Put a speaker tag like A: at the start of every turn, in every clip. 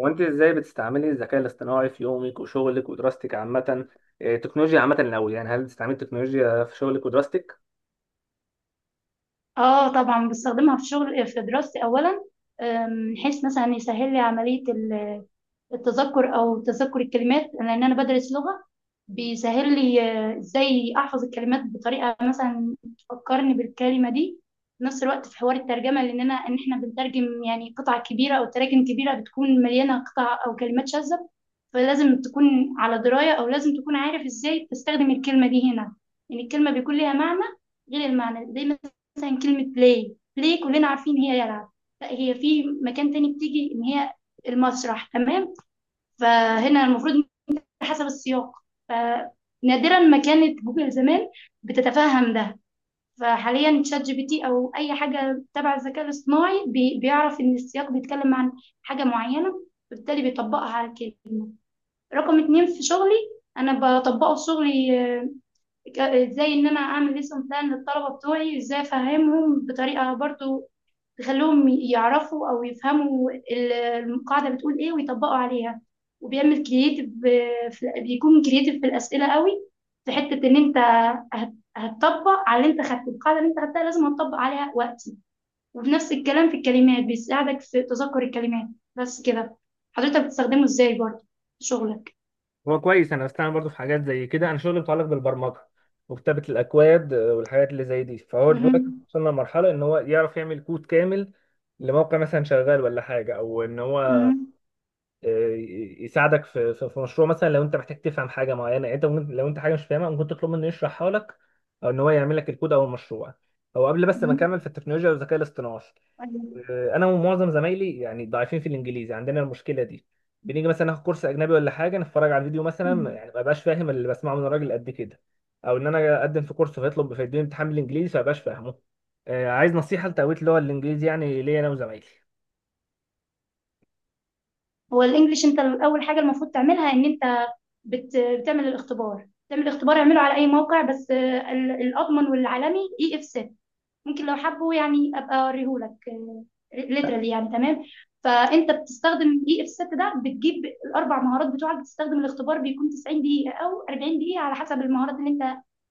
A: هو انت ازاي بتستعملي الذكاء الاصطناعي في يومك وشغلك ودراستك عامة؟ إيه، التكنولوجيا عامة الأول، يعني هل بتستعملي التكنولوجيا في شغلك ودراستك؟
B: اه، طبعا بستخدمها في شغل في دراستي اولا. من حيث مثلا يسهل لي عمليه التذكر او تذكر الكلمات لان انا بدرس لغه. بيسهل لي ازاي احفظ الكلمات بطريقه مثلا تفكرني بالكلمه دي. في نفس الوقت في حوار الترجمه لان انا ان احنا بنترجم يعني قطع كبيره او تراكم كبيره بتكون مليانه قطع او كلمات شاذه، فلازم تكون على دراية أو لازم تكون عارف إزاي تستخدم الكلمة دي هنا. يعني الكلمة بيكون ليها معنى غير المعنى، زي مثلا كلمة بلاي، بلاي كلنا عارفين هي يلعب، لا هي في مكان تاني بتيجي إن هي المسرح، تمام؟ فهنا المفروض حسب السياق. فنادرا ما كانت جوجل زمان بتتفهم ده، فحاليا شات جي بي تي أو أي حاجة تبع الذكاء الاصطناعي بيعرف إن السياق بيتكلم عن حاجة معينة، فبالتالي بيطبقها على كده. رقم اتنين، في شغلي انا بطبقه في شغلي. ازاي ان انا اعمل ليسون بلان للطلبه بتوعي وازاي افهمهم بطريقه برضو تخليهم يعرفوا او يفهموا القاعده بتقول ايه ويطبقوا عليها. وبيعمل كرييتيف، بيكون كرييتيف في الاسئله قوي. في حته ان انت هتطبق على اللي انت خدته، القاعده اللي انت خدتها لازم هتطبق عليها وقتي. وفي نفس الكلام في الكلمات بيساعدك في تذكر الكلمات. بس كده. حضرتك بتستخدمه ازاي برضو في شغلك؟
A: هو كويس، انا بستعمل برضه في حاجات زي كده. انا شغلي متعلق بالبرمجه وكتابه الاكواد، والحاجات اللي زي دي. فهو دلوقتي
B: مهم.
A: وصلنا لمرحله ان هو يعرف يعمل كود كامل لموقع مثلا شغال ولا حاجه، او ان هو
B: مم.
A: يساعدك في مشروع. مثلا لو انت محتاج تفهم حاجه معينه، يعني انت لو انت حاجه مش فاهمها ممكن تطلب منه يشرحها لك، او ان هو يعمل لك الكود او المشروع. هو قبل بس ما
B: مم.
A: اكمل في التكنولوجيا والذكاء الاصطناعي،
B: طيب.
A: انا ومعظم زمايلي يعني ضعيفين في الانجليزي، عندنا المشكله دي. بنيجي مثلا ناخد كورس اجنبي ولا حاجه، نتفرج على فيديو مثلا،
B: مم.
A: يعني ما بقاش فاهم اللي بسمعه من الراجل قد كده. او ان انا اقدم في كورس فيطلب فيديني امتحان بالانجليزي، فما بقاش فاهمه. عايز نصيحه لتقويه اللغه الانجليزي يعني، ليا انا وزمايلي.
B: هو الانجليش، انت اول حاجه المفروض تعملها ان انت بتعمل الاختبار، تعمل الاختبار اعمله على اي موقع، بس الاضمن والعالمي اي اف. ممكن لو حبوا يعني ابقى اوريهولك ليترالي، يعني تمام. فانت بتستخدم اي اف 6، ده بتجيب الاربع مهارات بتوعك. بتستخدم الاختبار، بيكون 90 دقيقه او 40 دقيقه على حسب المهارات اللي انت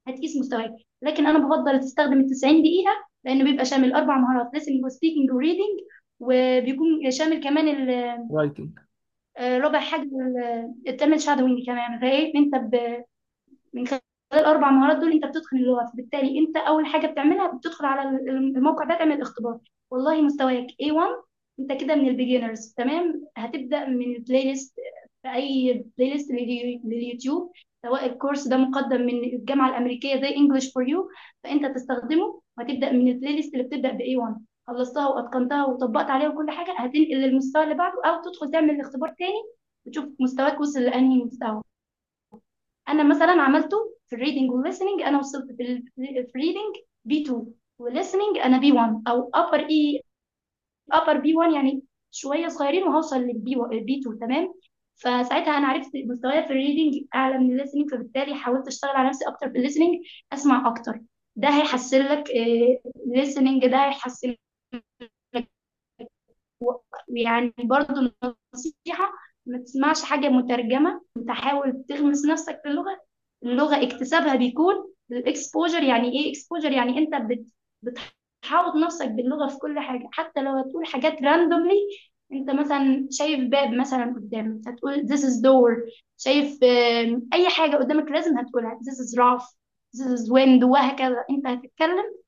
B: هتقيس مستواك. لكن انا بفضل تستخدم ال 90 دقيقه، لانه بيبقى شامل اربع مهارات، listening وسبيكنج وريدنج، وبيكون شامل كمان
A: رايتنج.
B: ربع حاجه، الترم شادوينج كمان. فايه انت من خلال الاربع مهارات دول انت بتتقن اللغه. فبالتالي انت اول حاجه بتعملها، بتدخل على الموقع ده تعمل اختبار. والله مستواك A1، انت كده من البيجنرز، تمام، هتبدا من البلاي ليست. في اي بلاي ليست لليوتيوب، سواء الكورس ده مقدم من الجامعه الامريكيه زي انجلش فور يو، فانت تستخدمه وهتبدا من البلاي ليست اللي بتبدا ب A1. خلصتها واتقنتها وطبقت عليها وكل حاجه، هتنقل للمستوى اللي بعده، او تدخل تعمل اختبار تاني وتشوف مستواك وصل لانهي مستوى. انا مثلا عملته في الريدنج والليسننج. انا وصلت في في الريدنج بي 2، والليسننج انا بي 1 او ابر اي، ابر بي 1 يعني، شويه صغيرين وهوصل للبي بي 2، تمام؟ فساعتها انا عرفت مستوايا في الريدنج اعلى من الليسننج، فبالتالي حاولت اشتغل على نفسي اكتر في الليسننج، اسمع اكتر. ده هيحسن لك الليسننج، ده هيحسن لك. يعني برضو نصيحة، ما تسمعش حاجة مترجمة، انت حاول تغمس نفسك في اللغة. اللغة اكتسابها بيكون الاكسبوجر. يعني ايه اكسبوجر؟ يعني انت بتحاوط نفسك باللغة في كل حاجة، حتى لو هتقول حاجات راندوملي. انت مثلا شايف باب مثلا قدامك، هتقول this is door. شايف اي حاجة قدامك لازم هتقولها، this is rough، this is window، وهكذا انت هتتكلم.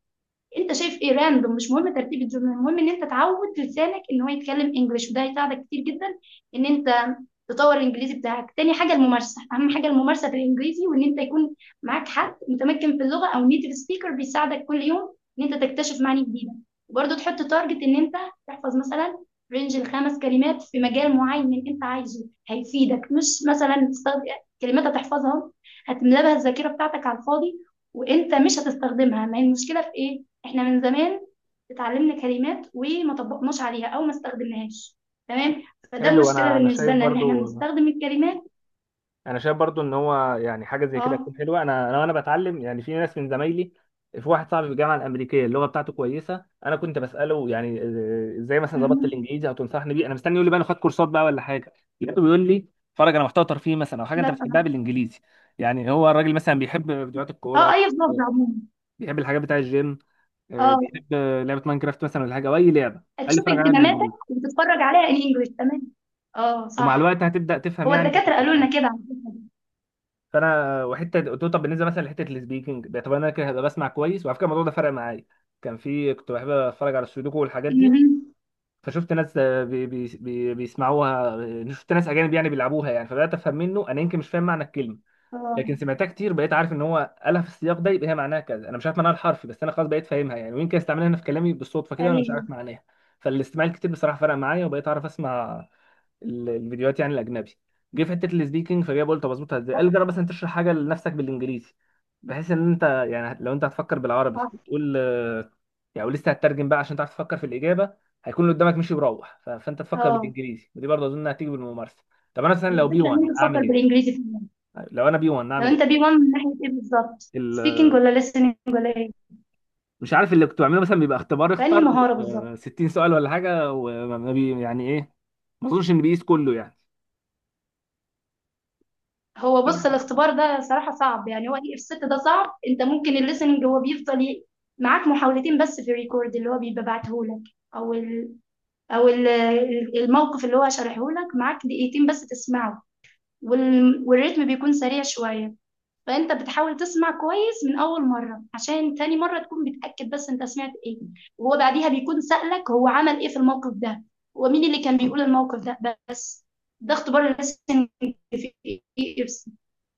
B: انت شايف ايه راندوم، مش مهم ترتيب الجمل، المهم ان انت تعود لسانك ان هو يتكلم انجليش، وده هيساعدك كتير جدا ان انت تطور الانجليزي بتاعك. تاني حاجه الممارسه، اهم حاجه الممارسه في الانجليزي، وان انت يكون معاك حد متمكن في اللغه او نيتيف سبيكر، بيساعدك كل يوم ان انت تكتشف معاني جديده. وبرضه تحط تارجت ان انت تحفظ مثلا رينج الخمس كلمات في مجال معين انت عايزه، هيفيدك. مش مثلا تستخدم كلمات هتحفظها هتملى بها الذاكره بتاعتك على الفاضي وانت مش هتستخدمها. ما هي المشكله في ايه؟ احنا من زمان اتعلمنا كلمات وما طبقناش عليها او ما استخدمناهاش، تمام؟ فده
A: حلو،
B: مشكله
A: انا
B: بالنسبه
A: شايف
B: لنا ان احنا
A: برضو،
B: بنستخدم الكلمات.
A: انا شايف برضو ان هو يعني حاجه زي كده
B: اه.
A: تكون حلوه. انا وانا بتعلم يعني، في ناس من زمايلي، في واحد صاحبي في الجامعه الامريكيه اللغه بتاعته كويسه. انا كنت بساله يعني ازاي مثلا ظبطت
B: مهم.
A: الانجليزي او تنصحني بيه. انا مستني يقول لي بقى انا خدت كورسات بقى ولا حاجه، لقيته بيقول لي اتفرج على محتوى ترفيهي مثلا، او حاجه
B: لا
A: انت بتحبها
B: أنا-
A: بالانجليزي. يعني هو الراجل مثلا بيحب فيديوهات
B: اه،
A: الكوره،
B: اي لفظ عموما.
A: بيحب الحاجات بتاع الجيم،
B: اه،
A: بيحب لعبه ماينكرافت مثلا ولا حاجه، او اي لعبه. قال لي
B: هتشوف
A: اتفرج عليها
B: اهتماماتك
A: بالانجليزي،
B: وبتتفرج عليها ان انجلش، تمام. اه
A: ومع الوقت
B: صح،
A: هتبدا تفهم
B: هو
A: يعني.
B: الدكاتره قالوا لنا كده على فكره.
A: فانا وحته قلت له طب بالنسبه مثلا لحته السبيكنج ده، طب انا كده هبقى بسمع كويس. وعلى فكره الموضوع ده فرق معايا. كان في كنت بحب اتفرج على السودوكو والحاجات دي،
B: مهم.
A: فشفت ناس بي بيسمعوها، شفت ناس اجانب يعني بيلعبوها يعني. فبدات افهم، منه انا يمكن مش فاهم معنى الكلمه، لكن
B: اه.
A: سمعتها كتير بقيت عارف ان هو قالها في السياق ده، يبقى هي معناها كذا. انا مش عارف معناها الحرفي، بس انا خلاص بقيت فاهمها يعني، ويمكن استعملها انا في كلامي بالصدفه كده وانا مش
B: ايوه.
A: عارف معناها. فالاستماع الكتير بصراحه فرق معايا، وبقيت اعرف اسمع الفيديوهات يعني الاجنبي. جه في حته السبيكنج، فجاي بقول طب اظبطها ازاي. قال جرب مثلا تشرح حاجه لنفسك بالانجليزي، بحيث ان انت يعني لو انت هتفكر بالعربي
B: صح.
A: وتقول يعني ولسه هتترجم بقى عشان تعرف تفكر في الاجابه. هيكون اللي قدامك مشي وروح، فانت تفكر
B: اه.
A: بالانجليزي، ودي برضه اظن هتيجي بالممارسه. طب انا مثلا لو بي
B: الفكره
A: 1
B: ان انت تفكر
A: اعمل ايه؟
B: بالانجليزي فعلا.
A: لو انا بي 1
B: لو
A: اعمل ايه؟
B: انت بي 1 من ناحيه ايه بالظبط،
A: ال-
B: سبيكنج ولا listening ولا ايه؟
A: مش عارف اللي كنت بعمله مثلا بيبقى اختبار،
B: فانهي
A: اختار
B: مهاره بالظبط؟
A: 60 سؤال ولا حاجه، وما ما بي يعني ايه. ما اظنش ان بيقيس كله يعني.
B: هو بص، الاختبار ده صراحة صعب، يعني هو اف 6 ده صعب. انت ممكن الليسننج هو بيفضل معاك محاولتين بس في الريكورد اللي هو بيبقى بعتهولك، او ال او ال الموقف اللي هو شارحهولك، معاك دقيقتين بس تسمعه. والريتم بيكون سريع شوية، فانت بتحاول تسمع كويس من اول مرة عشان تاني مرة تكون بتأكد بس انت سمعت ايه. وهو بعديها بيكون سألك هو عمل ايه في الموقف ده ومين اللي كان بيقول الموقف ده بس. ده اختبار الليسننج في اف،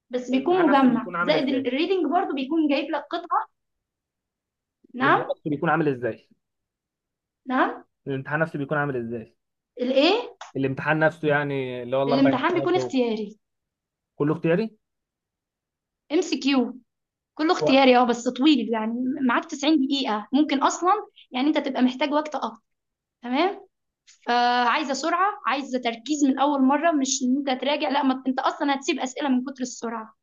B: بس
A: الامتحان
B: بيكون
A: نفسه
B: مجمع
A: بيكون عامل
B: زائد
A: ازاي؟
B: الريدنج برضو بيكون جايب لك قطعة.
A: الامتحان
B: نعم.
A: نفسه بيكون عامل ازاي؟
B: نعم.
A: الامتحان نفسه بيكون عامل ازاي؟
B: الايه؟
A: الامتحان نفسه، يعني اللي هو الاربع
B: الامتحان
A: امتحانات
B: بيكون
A: دول؟
B: اختياري،
A: كله اختياري.
B: ام سي كيو، كله
A: كوي-
B: اختياري، اه بس طويل يعني. معاك 90 دقيقة، ممكن اصلا يعني انت تبقى محتاج وقت اكتر، تمام؟ فعايزة سرعة، عايزة تركيز من اول مرة، مش ان انت تراجع، لا، ما انت اصلا هتسيب اسئلة من كتر السرعة.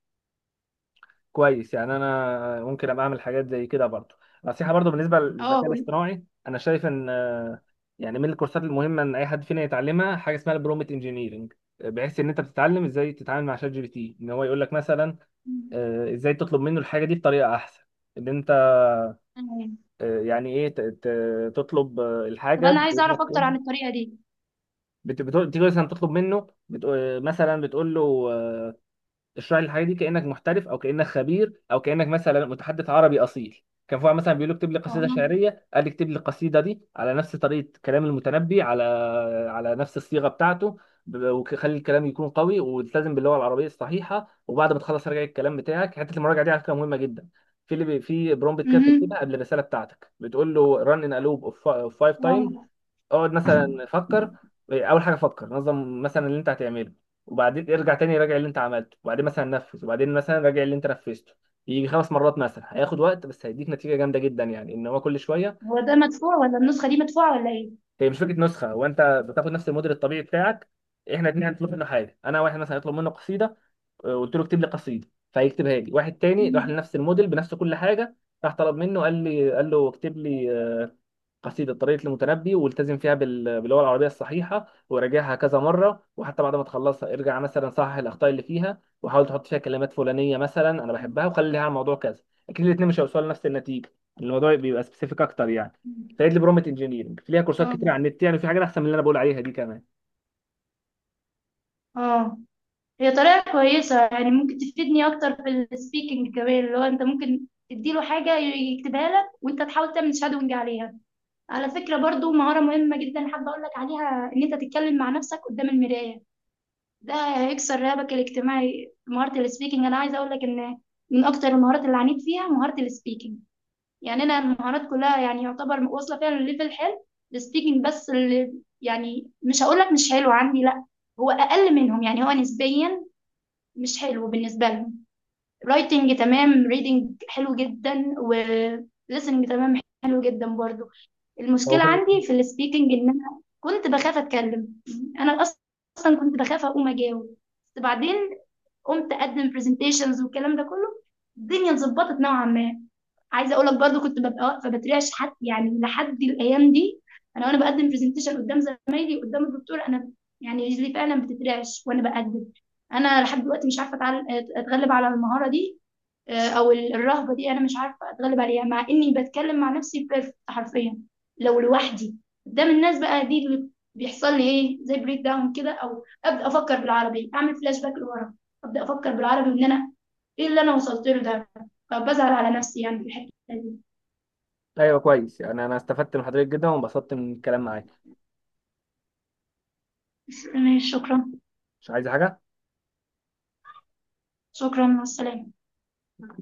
A: كويس، يعني انا ممكن ابقى اعمل حاجات زي كده برضو. نصيحه برضو بالنسبه
B: اه
A: للذكاء
B: وال-
A: الاصطناعي، انا شايف ان يعني من الكورسات المهمه ان اي حد فينا يتعلمها حاجه اسمها البرومت انجينيرنج. بحيث ان انت بتتعلم ازاي تتعامل مع شات جي بي تي، ان هو يقول لك مثلا ازاي تطلب منه الحاجه دي بطريقه احسن. ان انت
B: تمام.
A: يعني ايه تطلب
B: طب
A: الحاجه
B: انا عايزة اعرف
A: بانك
B: اكتر
A: تقول.
B: عن الطريقة دي.
A: تيجي مثلا تطلب منه، بتقول مثلا بتقول له آه، اشرح لي الحاجه دي كانك محترف، او كانك خبير، او كانك مثلا متحدث عربي اصيل. كان في واحد مثلا بيقول له اكتب لي
B: اه.
A: قصيده شعريه، قال لي اكتب لي القصيده دي على نفس طريقه كلام المتنبي، على على نفس الصيغه بتاعته. وخلي الكلام يكون قوي والتزم باللغه العربيه الصحيحه، وبعد ما تخلص راجع الكلام بتاعك. حته المراجعه دي على فكره مهمه جدا. في اللي في برومبت كده بتكتبها
B: مهم.
A: قبل الرساله بتاعتك، بتقول له run in a loop of five times.
B: آه.
A: اقعد مثلا فكر، اول حاجه فكر نظم مثلا اللي انت هتعمله، وبعدين ارجع تاني راجع اللي انت عملته، وبعدين مثلا نفذ، وبعدين مثلا راجع اللي انت نفذته. يجي 5 مرات مثلا، هياخد وقت بس هيديك نتيجه جامده جدا، يعني ان هو كل شويه.
B: هو ده مدفوع ولا النسخة دي مدفوعة ولا ايه؟
A: هي مش فكره نسخه، هو انت بتاخد نفس الموديل الطبيعي بتاعك. احنا اتنين هنطلب منه حاجه، انا واحد مثلا هيطلب منه قصيده، قلت له اكتب لي قصيده فهيكتبها لي. واحد تاني راح لنفس الموديل بنفس كل حاجه، راح طلب منه قال لي قال له اكتب لي قصيدة طريقة المتنبي، والتزم فيها باللغة العربية الصحيحة، وراجعها كذا مرة، وحتى بعد ما تخلصها ارجع مثلا صحح الأخطاء اللي فيها، وحاول تحط فيها كلمات فلانية مثلا أنا بحبها، وخلي لها موضوع كذا. أكيد الاتنين مش هيوصلوا لنفس النتيجة، الموضوع بيبقى سبيسيفيك أكتر يعني.
B: مم.
A: فايد لي برومت انجينيرنج ليها كورسات
B: اه.
A: كتير على النت، يعني في حاجات أحسن من اللي أنا بقول عليها دي كمان.
B: اه. هي طريقة كويسة، يعني ممكن تفيدني أكتر في السبيكنج كمان، اللي هو أنت ممكن تديله حاجة يكتبها لك وأنت تحاول تعمل شادونج عليها. على فكرة برضو مهارة مهمة جدا حابة أقول لك عليها، إن أنت تتكلم مع نفسك قدام المراية، ده هيكسر رهبك الاجتماعي. مهارة السبيكنج، أنا عايزة أقول لك إن من أكتر المهارات اللي عانيت فيها مهارة السبيكنج. يعني أنا المهارات كلها يعني يعتبر واصلة فيها لليفل حلو، السبيكنج بس اللي، يعني مش هقول لك مش حلو عندي، لا، هو اقل منهم يعني، هو نسبيا مش حلو بالنسبة لهم. رايتنج تمام، ريدنج حلو جدا، و listening تمام، حلو جدا برضو.
A: هو
B: المشكلة
A: في ال-
B: عندي في السبيكنج ان انا كنت بخاف اتكلم، انا اصلا كنت بخاف اقوم اجاوب. بس بعدين قمت اقدم برزنتيشنز والكلام ده كله، الدنيا اتظبطت نوعا ما. عايزه اقول لك برضو، كنت ببقى واقفه بترعش حد يعني، لحد الايام دي انا وانا بقدم برزنتيشن قدام زمايلي قدام الدكتور، انا يعني رجلي فعلا بتترعش وانا بقدم. انا لحد دلوقتي مش عارفه اتغلب على المهاره دي، الرهبه دي انا مش عارفه اتغلب عليها، مع اني بتكلم مع نفسي بيرفكت حرفيا لو لوحدي. قدام الناس بقى دي اللي بيحصل لي، ايه زي بريك داون كده، او ابدا افكر بالعربي، اعمل فلاش باك لورا، ابدا افكر بالعربي وان انا ايه اللي انا وصلت له ده، فبزعل على نفسي يعني في الحته دي.
A: أيوه كويس يعني، أنا استفدت من حضرتك جدا وانبسطت من الكلام معاك،
B: ماشي، شكرا.
A: مش عايز حاجة.
B: شكرا والسلامه.